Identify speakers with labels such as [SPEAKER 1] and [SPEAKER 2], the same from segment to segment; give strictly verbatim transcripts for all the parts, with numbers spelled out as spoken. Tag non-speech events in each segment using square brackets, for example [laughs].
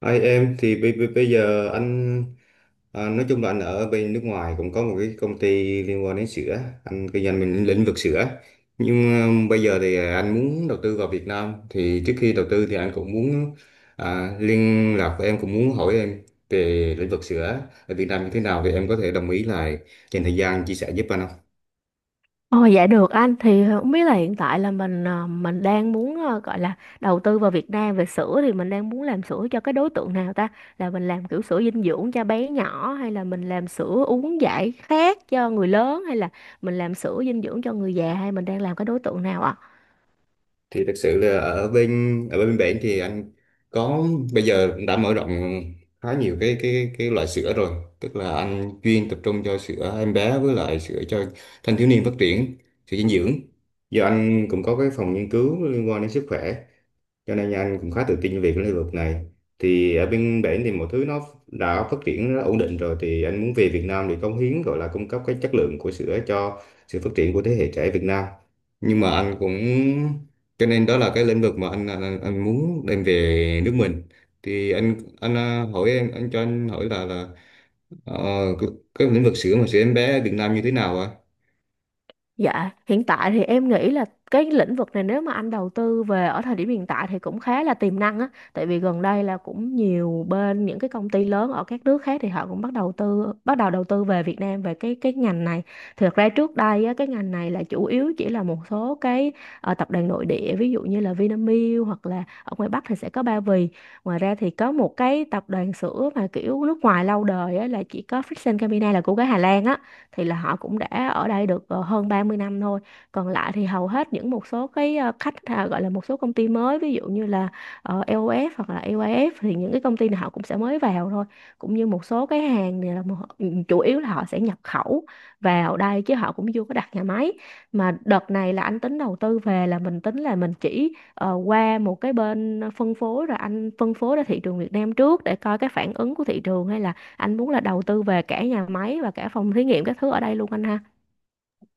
[SPEAKER 1] Hai em thì bây, bây, bây giờ anh à, nói chung là anh ở bên nước ngoài cũng có một cái công ty liên quan đến sữa. Anh kinh doanh mình lĩnh vực sữa, nhưng à, bây giờ thì à, anh muốn đầu tư vào Việt Nam. Thì trước khi đầu tư thì anh cũng muốn à, liên lạc với em, cũng muốn hỏi em về lĩnh vực sữa ở Việt Nam như thế nào, thì em có thể đồng ý là dành thời gian chia sẻ giúp anh không?
[SPEAKER 2] Ồ dạ được anh thì ờ, không biết là hiện tại là mình ờ, mình đang muốn ờ, gọi là đầu tư vào Việt Nam về sữa thì mình đang muốn làm sữa cho cái đối tượng nào ta? Là mình làm kiểu sữa dinh dưỡng cho bé nhỏ hay là mình làm sữa uống giải khát cho người lớn hay là mình làm sữa dinh dưỡng cho người già hay mình đang làm cái đối tượng nào ạ?
[SPEAKER 1] Thì thực sự là ở bên ở bên bển thì anh có bây giờ cũng đã mở rộng khá nhiều cái cái cái loại sữa rồi. Tức là anh chuyên tập trung cho sữa em bé với lại sữa cho thanh thiếu niên phát triển, sữa dinh dưỡng. Giờ anh cũng có cái phòng nghiên cứu liên quan đến sức khỏe, cho nên anh cũng khá tự tin về cái lĩnh vực này. Thì ở bên bển thì mọi thứ nó đã phát triển, nó ổn định rồi, thì anh muốn về Việt Nam để cống hiến, gọi là cung cấp cái chất lượng của sữa cho sự phát triển của thế hệ trẻ Việt Nam. Nhưng mà anh cũng Cho nên đó là cái lĩnh vực mà anh anh, anh muốn đem về nước mình. Thì anh anh à, hỏi em, anh cho anh hỏi là là ờ, cái, cái lĩnh vực sữa mà sữa em bé ở Việt Nam như thế nào ạ?
[SPEAKER 2] Dạ, hiện tại thì em nghĩ là cái lĩnh vực này nếu mà anh đầu tư về ở thời điểm hiện tại thì cũng khá là tiềm năng á, tại vì gần đây là cũng nhiều bên những cái công ty lớn ở các nước khác thì họ cũng bắt đầu tư bắt đầu đầu tư về Việt Nam về cái cái ngành này. Thực ra trước đây á, cái ngành này là chủ yếu chỉ là một số cái ờ, tập đoàn nội địa, ví dụ như là Vinamilk hoặc là ở ngoài Bắc thì sẽ có Ba Vì. Ngoài ra thì có một cái tập đoàn sữa mà kiểu nước ngoài lâu đời á, là chỉ có Friesen Campina là của cái Hà Lan á, thì là họ cũng đã ở đây được ờ, hơn ba mươi năm thôi. Còn lại thì hầu hết những một số cái ờ, khách à, gọi là một số công ty mới, ví dụ như là ờ, lờ ô ép hoặc là i vai ép, thì những cái công ty này họ cũng sẽ mới vào thôi, cũng như một số cái hàng này là một, ừ, chủ yếu là họ sẽ nhập khẩu vào đây chứ họ cũng chưa có đặt nhà máy. Mà đợt này là anh tính đầu tư về là mình tính là mình chỉ ờ, qua một cái bên phân phối rồi anh phân phối ra thị trường Việt Nam trước để coi cái phản ứng của thị trường, hay là anh muốn là đầu tư về cả nhà máy và cả phòng thí nghiệm các thứ ở đây luôn anh ha?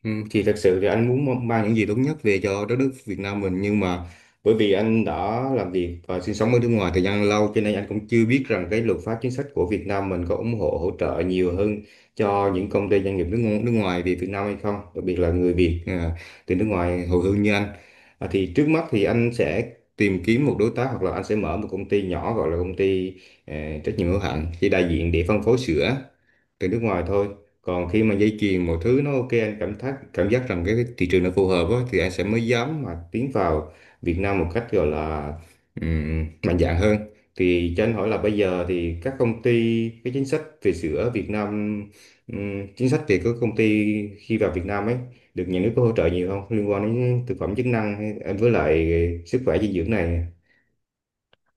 [SPEAKER 1] Ừ, thì thật sự thì anh muốn mang những gì tốt nhất về cho đất nước Việt Nam mình, nhưng mà bởi vì anh đã làm việc và sinh sống ở nước ngoài thời gian lâu, cho nên anh cũng chưa biết rằng cái luật pháp chính sách của Việt Nam mình có ủng hộ hỗ trợ nhiều hơn cho những công ty doanh nghiệp nước ngo- nước ngoài về Việt Nam hay không, đặc biệt là người Việt à, từ nước ngoài hồi hương như anh. À, thì trước mắt thì anh sẽ tìm kiếm một đối tác, hoặc là anh sẽ mở một công ty nhỏ, gọi là công ty ờ, trách nhiệm hữu hạn, chỉ đại diện để phân phối sữa từ nước ngoài thôi. Còn khi mà dây chuyền mọi thứ nó ok, anh cảm thấy cảm giác rằng cái thị trường nó phù hợp á, thì anh sẽ mới dám mà tiến vào Việt Nam một cách gọi là ừm, mạnh dạn hơn. Thì cho anh hỏi là bây giờ thì các công ty, cái chính sách về sữa ở Việt Nam, ừm, chính sách về các công ty khi vào Việt Nam ấy được nhà nước có hỗ trợ nhiều không, liên quan đến thực phẩm chức năng hay với lại sức khỏe dinh dưỡng này?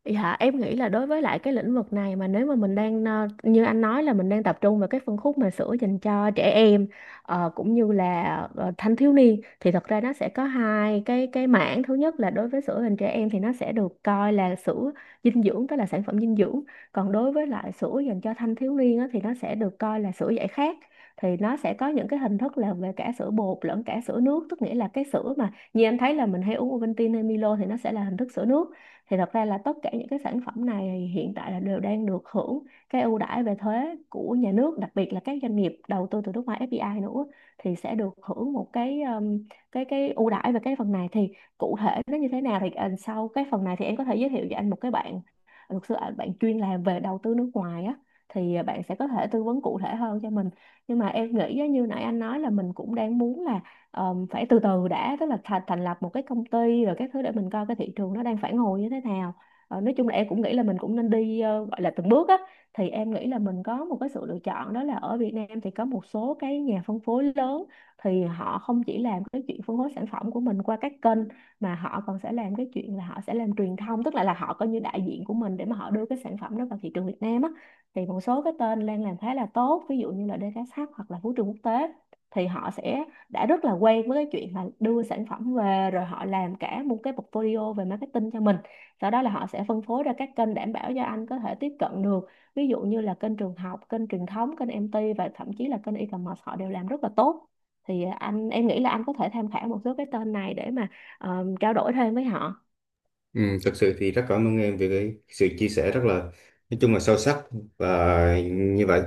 [SPEAKER 2] Dạ, em nghĩ là đối với lại cái lĩnh vực này mà nếu mà mình đang ờ, như anh nói là mình đang tập trung vào cái phân khúc mà sữa dành cho trẻ em, ờ, cũng như là ờ, thanh thiếu niên, thì thật ra nó sẽ có hai cái cái mảng. Thứ nhất là đối với sữa dành trẻ em thì nó sẽ được coi là sữa dinh dưỡng, tức là sản phẩm dinh dưỡng. Còn đối với lại sữa dành cho thanh thiếu niên á, thì nó sẽ được coi là sữa giải khát. Thì nó sẽ có những cái hình thức là về cả sữa bột lẫn cả sữa nước, tức nghĩa là cái sữa mà như anh thấy là mình hay uống Ovaltine hay Milo thì nó sẽ là hình thức sữa nước. Thì thật ra là tất cả những cái sản phẩm này hiện tại là đều đang được hưởng cái ưu đãi về thuế của nhà nước, đặc biệt là các doanh nghiệp đầu tư từ nước ngoài ép đê i nữa thì sẽ được hưởng một cái um, cái cái ưu đãi về cái phần này. Thì cụ thể nó như thế nào thì ờ, sau cái phần này thì em có thể giới thiệu cho anh một cái bạn luật sư, ờ, bạn chuyên làm về đầu tư nước ngoài á, thì ờ, bạn sẽ có thể tư vấn cụ thể hơn cho mình. Nhưng mà em nghĩ á, như nãy anh nói là mình cũng đang muốn là Ờm, phải từ từ đã, tức là thành thành lập một cái công ty rồi các thứ để mình coi cái thị trường nó đang phản hồi như thế nào. Ờ, nói chung là em cũng nghĩ là mình cũng nên đi ờ, gọi là từng bước á. Thì em nghĩ là mình có một cái sự lựa chọn, đó là ở Việt Nam thì có một số cái nhà phân phối lớn, thì họ không chỉ làm cái chuyện phân phối sản phẩm của mình qua các kênh mà họ còn sẽ làm cái chuyện là họ sẽ làm truyền thông, tức là là họ coi như đại diện của mình để mà họ đưa cái sản phẩm đó vào thị trường Việt Nam á. Thì một số cái tên đang làm khá là tốt, ví dụ như là đê ca ét hát hoặc là Vũ trường Quốc tế, thì họ sẽ đã rất là quen với cái chuyện là đưa sản phẩm về rồi họ làm cả một cái portfolio về marketing cho mình, sau đó là họ sẽ phân phối ra các kênh đảm bảo cho anh có thể tiếp cận được, ví dụ như là kênh trường học, kênh truyền thống, kênh em tê và thậm chí là kênh e-commerce họ đều làm rất là tốt. Thì anh em nghĩ là anh có thể tham khảo một số cái tên này để mà ờ, trao đổi thêm với họ.
[SPEAKER 1] Ừ, thật sự thì rất cảm ơn em về cái sự chia sẻ rất là, nói chung là sâu sắc. Và như vậy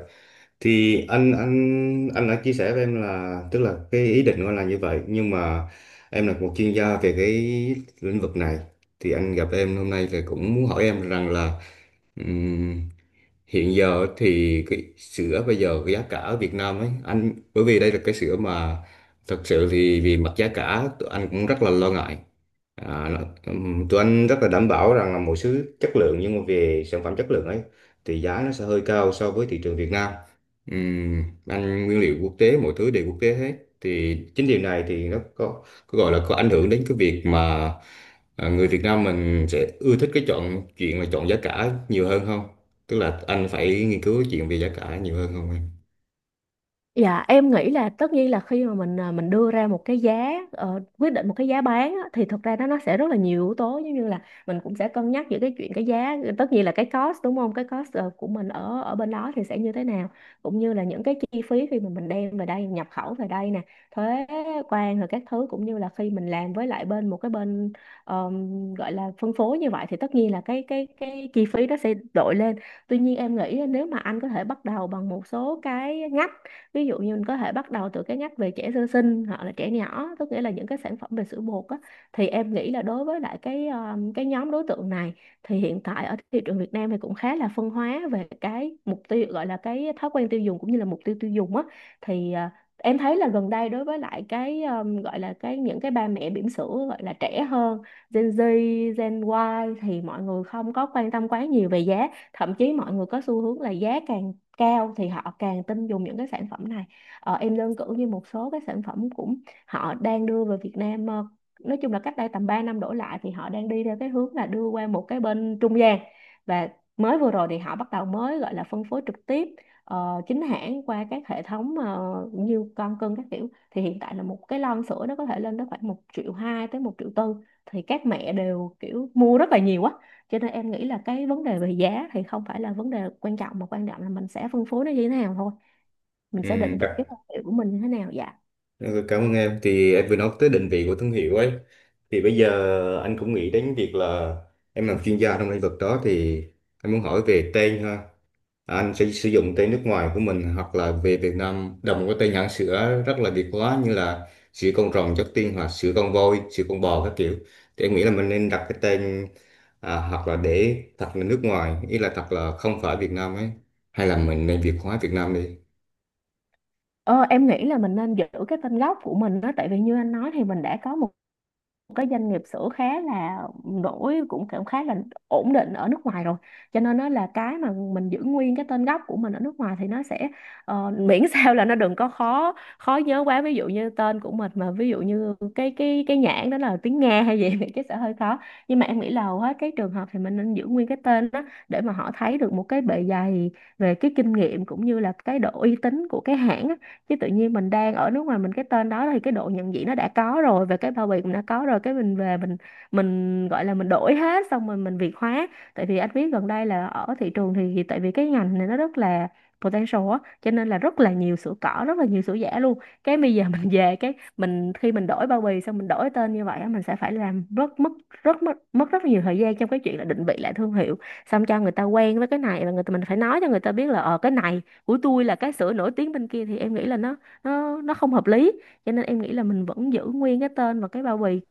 [SPEAKER 1] thì anh anh anh đã chia sẻ với em là, tức là cái ý định của anh là như vậy. Nhưng mà em là một chuyên gia về cái lĩnh vực này, thì anh gặp em hôm nay thì cũng muốn hỏi em rằng là hiện giờ thì cái sữa bây giờ, cái giá cả ở Việt Nam ấy anh, bởi vì đây là cái sữa mà thật sự thì vì mặt giá cả tụi anh cũng rất là lo ngại. à, nó- ừm, Tụi anh rất là đảm bảo rằng là một số chất lượng, nhưng mà về sản phẩm chất lượng ấy thì giá nó sẽ hơi cao so với thị trường Việt Nam. Ừm, anh nguyên liệu quốc tế, mọi thứ đều quốc tế hết, thì chính điều này thì nó có, có gọi là có ảnh hưởng đến cái việc mà à, người Việt Nam mình sẽ ưa thích cái chọn, chuyện là chọn giá cả nhiều hơn không, tức là anh phải nghiên cứu chuyện về giá cả nhiều hơn không em?
[SPEAKER 2] Dạ em nghĩ là tất nhiên là khi mà mình à, mình đưa ra một cái giá ờ, quyết định một cái giá bán á, thì thực ra nó nó sẽ rất là nhiều yếu tố, giống như là mình cũng sẽ cân nhắc giữa cái chuyện cái giá, tất nhiên là cái cost đúng không, cái cost ờ, của mình ở ở bên đó thì sẽ như thế nào, cũng như là những cái chi phí khi mà mình đem về đây nhập khẩu về đây nè, thuế quan rồi các thứ, cũng như là khi mình làm với lại bên một cái bên ờm, gọi là phân phối như vậy thì tất nhiên là cái cái cái chi phí nó sẽ đội lên. Tuy nhiên em nghĩ nếu mà anh có thể bắt đầu bằng một số cái ngách, ví dụ như mình có thể bắt đầu từ cái ngách về trẻ sơ sinh hoặc là trẻ nhỏ, tức nghĩa là những cái sản phẩm về sữa bột á. Thì em nghĩ là đối với lại cái um, cái nhóm đối tượng này thì hiện tại ở thị trường Việt Nam thì cũng khá là phân hóa về cái mục tiêu, gọi là cái thói quen tiêu dùng cũng như là mục tiêu tiêu dùng á. Thì à, em thấy là gần đây đối với lại cái um, gọi là cái những cái ba mẹ bỉm sữa gọi là trẻ hơn, Gen Z, Gen Y, thì mọi người không có quan tâm quá nhiều về giá, thậm chí mọi người có xu hướng là giá càng cao thì họ càng tin dùng những cái sản phẩm này. Ờ, em đơn cử như một số cái sản phẩm cũng họ đang đưa về Việt Nam, ờ, nói chung là cách đây tầm ba năm đổ lại thì họ đang đi theo cái hướng là đưa qua một cái bên trung gian. Và mới vừa rồi thì họ bắt đầu mới gọi là phân phối trực tiếp, ờ, chính hãng qua các hệ thống ờ, như con cưng các kiểu, thì hiện tại là một cái lon sữa nó có thể lên tới khoảng một triệu hai tới một triệu tư. Thì các mẹ đều kiểu mua rất là nhiều á, cho nên em nghĩ là cái vấn đề về giá thì không phải là vấn đề quan trọng, mà quan trọng là mình sẽ phân phối nó như thế nào thôi, mình
[SPEAKER 1] Ừ,
[SPEAKER 2] sẽ định vị
[SPEAKER 1] cả-
[SPEAKER 2] cái thương hiệu của mình như thế nào. Dạ.
[SPEAKER 1] ừ, cảm ơn em. Thì em vừa nói tới định vị của thương hiệu ấy, thì bây giờ anh cũng nghĩ đến việc là em làm chuyên gia trong lĩnh vực đó, thì anh muốn hỏi về tên ha. Anh sẽ sử dụng tên nước ngoài của mình, hoặc là về Việt Nam đồng có tên hãng sữa rất là Việt hóa, như là sữa con rồng chất tiên, hoặc sữa con voi, sữa con bò các kiểu. Thì em nghĩ là mình nên đặt cái tên, à, hoặc là để thật là nước ngoài, ý là thật là không phải Việt Nam ấy, hay là mình nên Việt hóa Việt Nam đi?
[SPEAKER 2] Ờ, em nghĩ là mình nên giữ cái tên gốc của mình đó, tại vì như anh nói thì mình đã có một cái doanh nghiệp sữa khá là nổi cũng cảm khá là ổn định ở nước ngoài rồi. Cho nên nó là cái mà mình giữ nguyên cái tên gốc của mình ở nước ngoài thì nó sẽ ờ, [laughs] miễn sao là nó đừng có khó khó nhớ quá, ví dụ như tên của mình mà ví dụ như cái cái cái nhãn đó là tiếng Nga hay gì [laughs] thì cái sẽ hơi khó. Nhưng mà em nghĩ là hầu hết cái trường hợp thì mình nên giữ nguyên cái tên đó, để mà họ thấy được một cái bề dày về cái kinh nghiệm cũng như là cái độ uy tín của cái hãng á. Chứ tự nhiên mình đang ở nước ngoài mình cái tên đó, thì cái độ nhận diện nó đã có rồi và cái bao bì cũng đã có rồi, cái mình về mình mình gọi là mình đổi hết xong rồi mình việt hóa. Tại vì anh biết gần đây là ở thị trường thì tại vì cái ngành này nó rất là potential á, cho nên là rất là nhiều sữa cỏ, rất là nhiều sữa giả luôn. Cái bây giờ [laughs] mình về cái mình khi mình đổi bao bì xong mình đổi tên như vậy á, mình sẽ phải làm rất mất rất mất mất rất nhiều thời gian trong cái chuyện là định vị lại thương hiệu, xong cho người ta quen với cái này, và người ta mình phải nói cho người ta biết là ờ cái này của tôi là cái sữa nổi tiếng bên kia, thì em nghĩ là nó nó nó không hợp lý. Cho nên em nghĩ là mình vẫn giữ nguyên cái tên và cái bao bì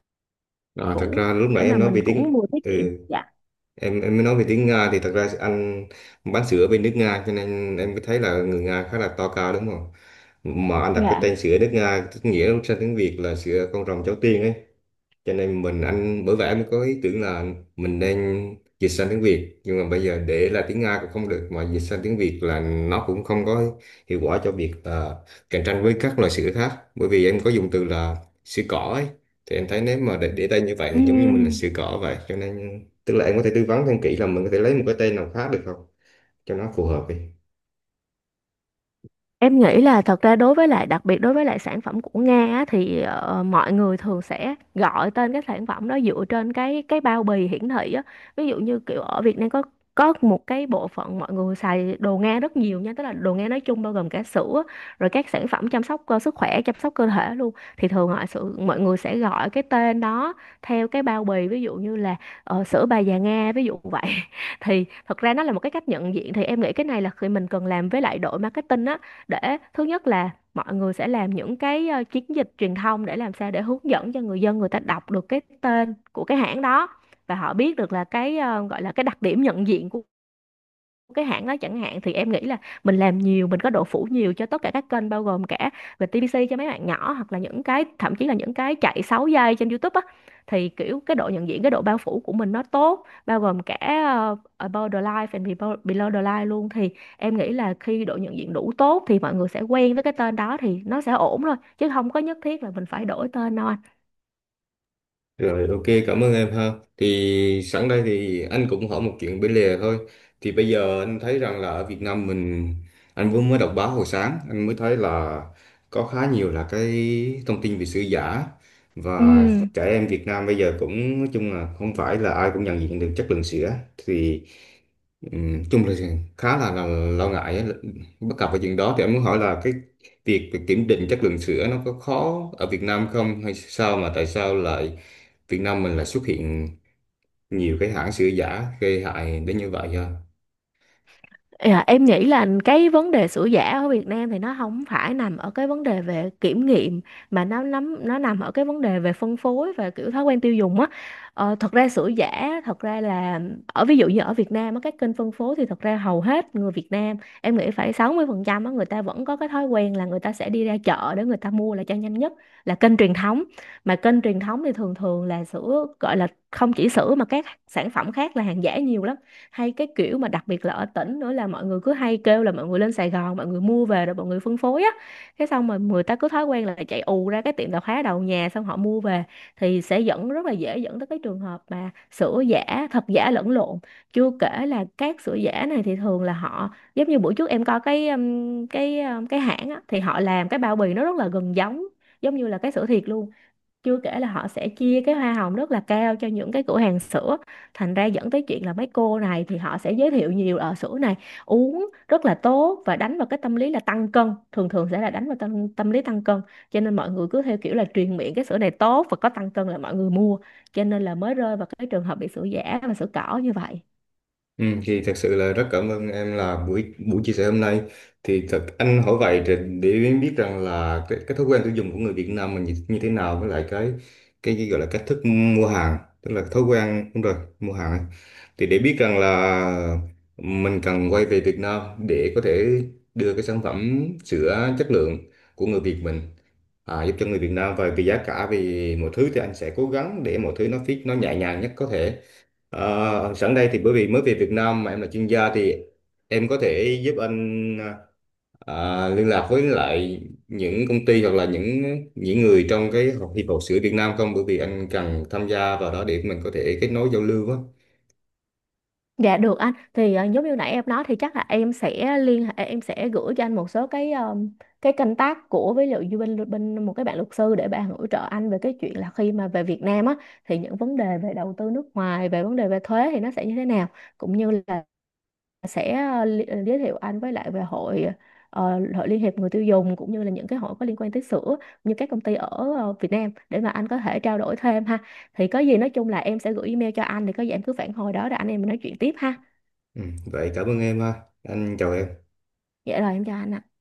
[SPEAKER 1] à, Thật
[SPEAKER 2] cũ
[SPEAKER 1] ra lúc
[SPEAKER 2] để
[SPEAKER 1] nãy
[SPEAKER 2] mà
[SPEAKER 1] em nói
[SPEAKER 2] mình
[SPEAKER 1] về
[SPEAKER 2] cũng
[SPEAKER 1] tiếng,
[SPEAKER 2] vừa tiết kiệm.
[SPEAKER 1] ừ,
[SPEAKER 2] Dạ.
[SPEAKER 1] em em mới nói về tiếng Nga. Thì thật ra anh bán sữa bên nước Nga, cho nên em mới thấy là người Nga khá là to cao đúng không? Mà anh đặt cái
[SPEAKER 2] Dạ.
[SPEAKER 1] tên sữa nước Nga tức nghĩa sang tiếng Việt là sữa con rồng cháu tiên ấy. Cho nên mình anh Bởi vậy em có ý tưởng là mình nên dịch sang tiếng Việt. Nhưng mà bây giờ để là tiếng Nga cũng không được, mà dịch sang tiếng Việt là nó cũng không có hiệu quả cho việc là cạnh tranh với các loại sữa khác, bởi vì em có dùng từ là sữa cỏ ấy. Thì em thấy nếu mà để, để tên như vậy thì giống như mình là
[SPEAKER 2] Ừ.
[SPEAKER 1] sữa cỏ vậy. Cho nên tức là em có thể tư vấn thêm kỹ là mình có thể lấy một cái tên nào khác được không, cho nó phù hợp đi?
[SPEAKER 2] Em nghĩ là thật ra đối với lại đặc biệt đối với lại sản phẩm của Nga á, thì ờ, mọi người thường sẽ gọi tên cái sản phẩm đó dựa trên cái cái bao bì hiển thị á. Ví dụ như kiểu ở Việt Nam có có một cái bộ phận mọi người xài đồ Nga rất nhiều nha, tức là đồ Nga nói chung bao gồm cả sữa rồi các sản phẩm chăm sóc cơ sức khỏe, chăm sóc cơ thể luôn, thì thường mọi sự mọi người sẽ gọi cái tên đó theo cái bao bì, ví dụ như là ờ, sữa bà già Nga ví dụ vậy. [laughs] Thì thật ra nó là một cái cách nhận diện, thì em nghĩ cái này là khi mình cần làm với lại đội marketing á, để thứ nhất là mọi người sẽ làm những cái ờ, chiến dịch truyền thông để làm sao để hướng dẫn cho người dân, người ta đọc được cái tên của cái hãng đó và họ biết được là cái ờ, gọi là cái đặc điểm nhận diện của cái hãng đó chẳng hạn, thì em nghĩ là mình làm nhiều, mình có độ phủ nhiều cho tất cả các kênh, bao gồm cả về tê vê xê cho mấy bạn nhỏ, hoặc là những cái thậm chí là những cái chạy sáu giây trên YouTube á, thì kiểu cái độ nhận diện, cái độ bao phủ của mình nó tốt, bao gồm cả ờ, above the line and below below the line luôn, thì em nghĩ là khi độ nhận diện đủ tốt thì mọi người sẽ quen với cái tên đó, thì nó sẽ ổn thôi chứ không có nhất thiết là mình phải đổi tên đâu anh.
[SPEAKER 1] Rồi, ok, cảm ơn em ha. Thì sẵn đây thì anh cũng hỏi một chuyện bên lề thôi. Thì bây giờ anh thấy rằng là ở Việt Nam mình, anh vừa mới đọc báo hồi sáng anh mới thấy là có khá nhiều là cái thông tin về sữa giả, và
[SPEAKER 2] Ừ.
[SPEAKER 1] trẻ em Việt Nam bây giờ cũng nói chung là không phải là ai cũng nhận diện được chất lượng sữa. Thì, Ừ, chung là khá là, là lo ngại á. Bất cập về chuyện đó thì em muốn hỏi là cái việc việc kiểm định chất lượng sữa nó có khó ở Việt Nam không, hay sao mà tại sao lại Việt Nam mình lại xuất hiện nhiều cái hãng sữa giả gây hại đến như vậy?
[SPEAKER 2] Dạ, em nghĩ là cái vấn đề sữa giả ở Việt Nam thì nó không phải nằm ở cái vấn đề về kiểm nghiệm, mà nó nắm nó nằm ở cái vấn đề về phân phối và kiểu thói quen tiêu dùng á. Ờ, thật ra sữa giả thật ra là ở ví dụ như ở Việt Nam á, các kênh phân phối thì thật ra hầu hết người Việt Nam em nghĩ phải sáu mươi phần trăm á, người ta vẫn có cái thói quen là người ta sẽ đi ra chợ để người ta mua là cho nhanh nhất, là kênh truyền thống. Mà kênh truyền thống thì thường thường là sữa gọi là không chỉ sữa mà các sản phẩm khác là hàng giả nhiều lắm, hay cái kiểu mà đặc biệt là ở tỉnh nữa là mọi người cứ hay kêu là mọi người lên Sài Gòn mọi người mua về rồi mọi người phân phối á, cái xong mà người ta cứ thói quen là chạy ù ra cái tiệm tạp hóa đầu nhà xong họ mua về, thì sẽ dẫn rất là dễ dẫn tới cái trường hợp mà sữa giả thật giả lẫn lộn. Chưa kể là các sữa giả này thì thường là họ giống như buổi trước em coi cái um, cái um, cái hãng á thì họ làm cái bao bì nó rất là gần giống, giống như là cái sữa thiệt luôn. Chưa kể là họ sẽ chia cái hoa hồng rất là cao cho những cái cửa hàng sữa, thành ra dẫn tới chuyện là mấy cô này thì họ sẽ giới thiệu nhiều ở sữa này uống rất là tốt và đánh vào cái tâm lý là tăng cân, thường thường sẽ là đánh vào tâm, tâm lý tăng cân, cho nên mọi người cứ theo kiểu là truyền miệng cái sữa này tốt và có tăng cân là mọi người mua, cho nên là mới rơi vào cái trường hợp bị sữa giả và sữa cỏ như vậy.
[SPEAKER 1] Ừ, thì thật sự là rất cảm ơn em là buổi buổi chia sẻ hôm nay. Thì thật anh hỏi vậy để, để biết rằng là cái, cái thói quen tiêu dùng của người Việt Nam mình như, như thế nào, với lại cái cái, cái gọi là cách thức mua hàng, tức là thói quen đúng rồi, mua hàng ấy. Thì để biết rằng là mình cần quay về Việt Nam để có thể đưa cái sản phẩm sữa chất lượng của người Việt mình, à, giúp cho người Việt Nam. Và vì giá cả, vì mọi thứ, thì anh sẽ cố gắng để mọi thứ nó fit, nó nhẹ nhàng nhất có thể. Ờ, sẵn đây thì bởi vì mới về Việt Nam mà em là chuyên gia, thì em có thể giúp anh ờ, liên lạc với lại những công ty, hoặc là những những người trong cái hiệp hội sữa Việt Nam không? Bởi vì anh cần tham gia vào đó để mình có thể kết nối giao lưu á.
[SPEAKER 2] Dạ được anh, thì ờ, giống như nãy em nói thì chắc là em sẽ liên hệ, em sẽ gửi cho anh một số cái ờ, cái contact tác của với lại bên bên một cái bạn luật sư để bạn hỗ trợ anh về cái chuyện là khi mà về Việt Nam á thì những vấn đề về đầu tư nước ngoài, về vấn đề về thuế thì nó sẽ như thế nào, cũng như là sẽ ờ, li- ờ, giới thiệu anh với lại về hội ờ, hội Liên hiệp người tiêu dùng, cũng như là những cái hội có liên quan tới sữa như các công ty ở ờ, Việt Nam để mà anh có thể trao đổi thêm ha. Thì có gì nói chung là em sẽ gửi email cho anh, thì có gì em cứ phản hồi đó rồi anh em mình nói chuyện tiếp ha.
[SPEAKER 1] Ừ, vậy cảm ơn em ha. Anh chào em.
[SPEAKER 2] Dạ rồi em chào anh ạ.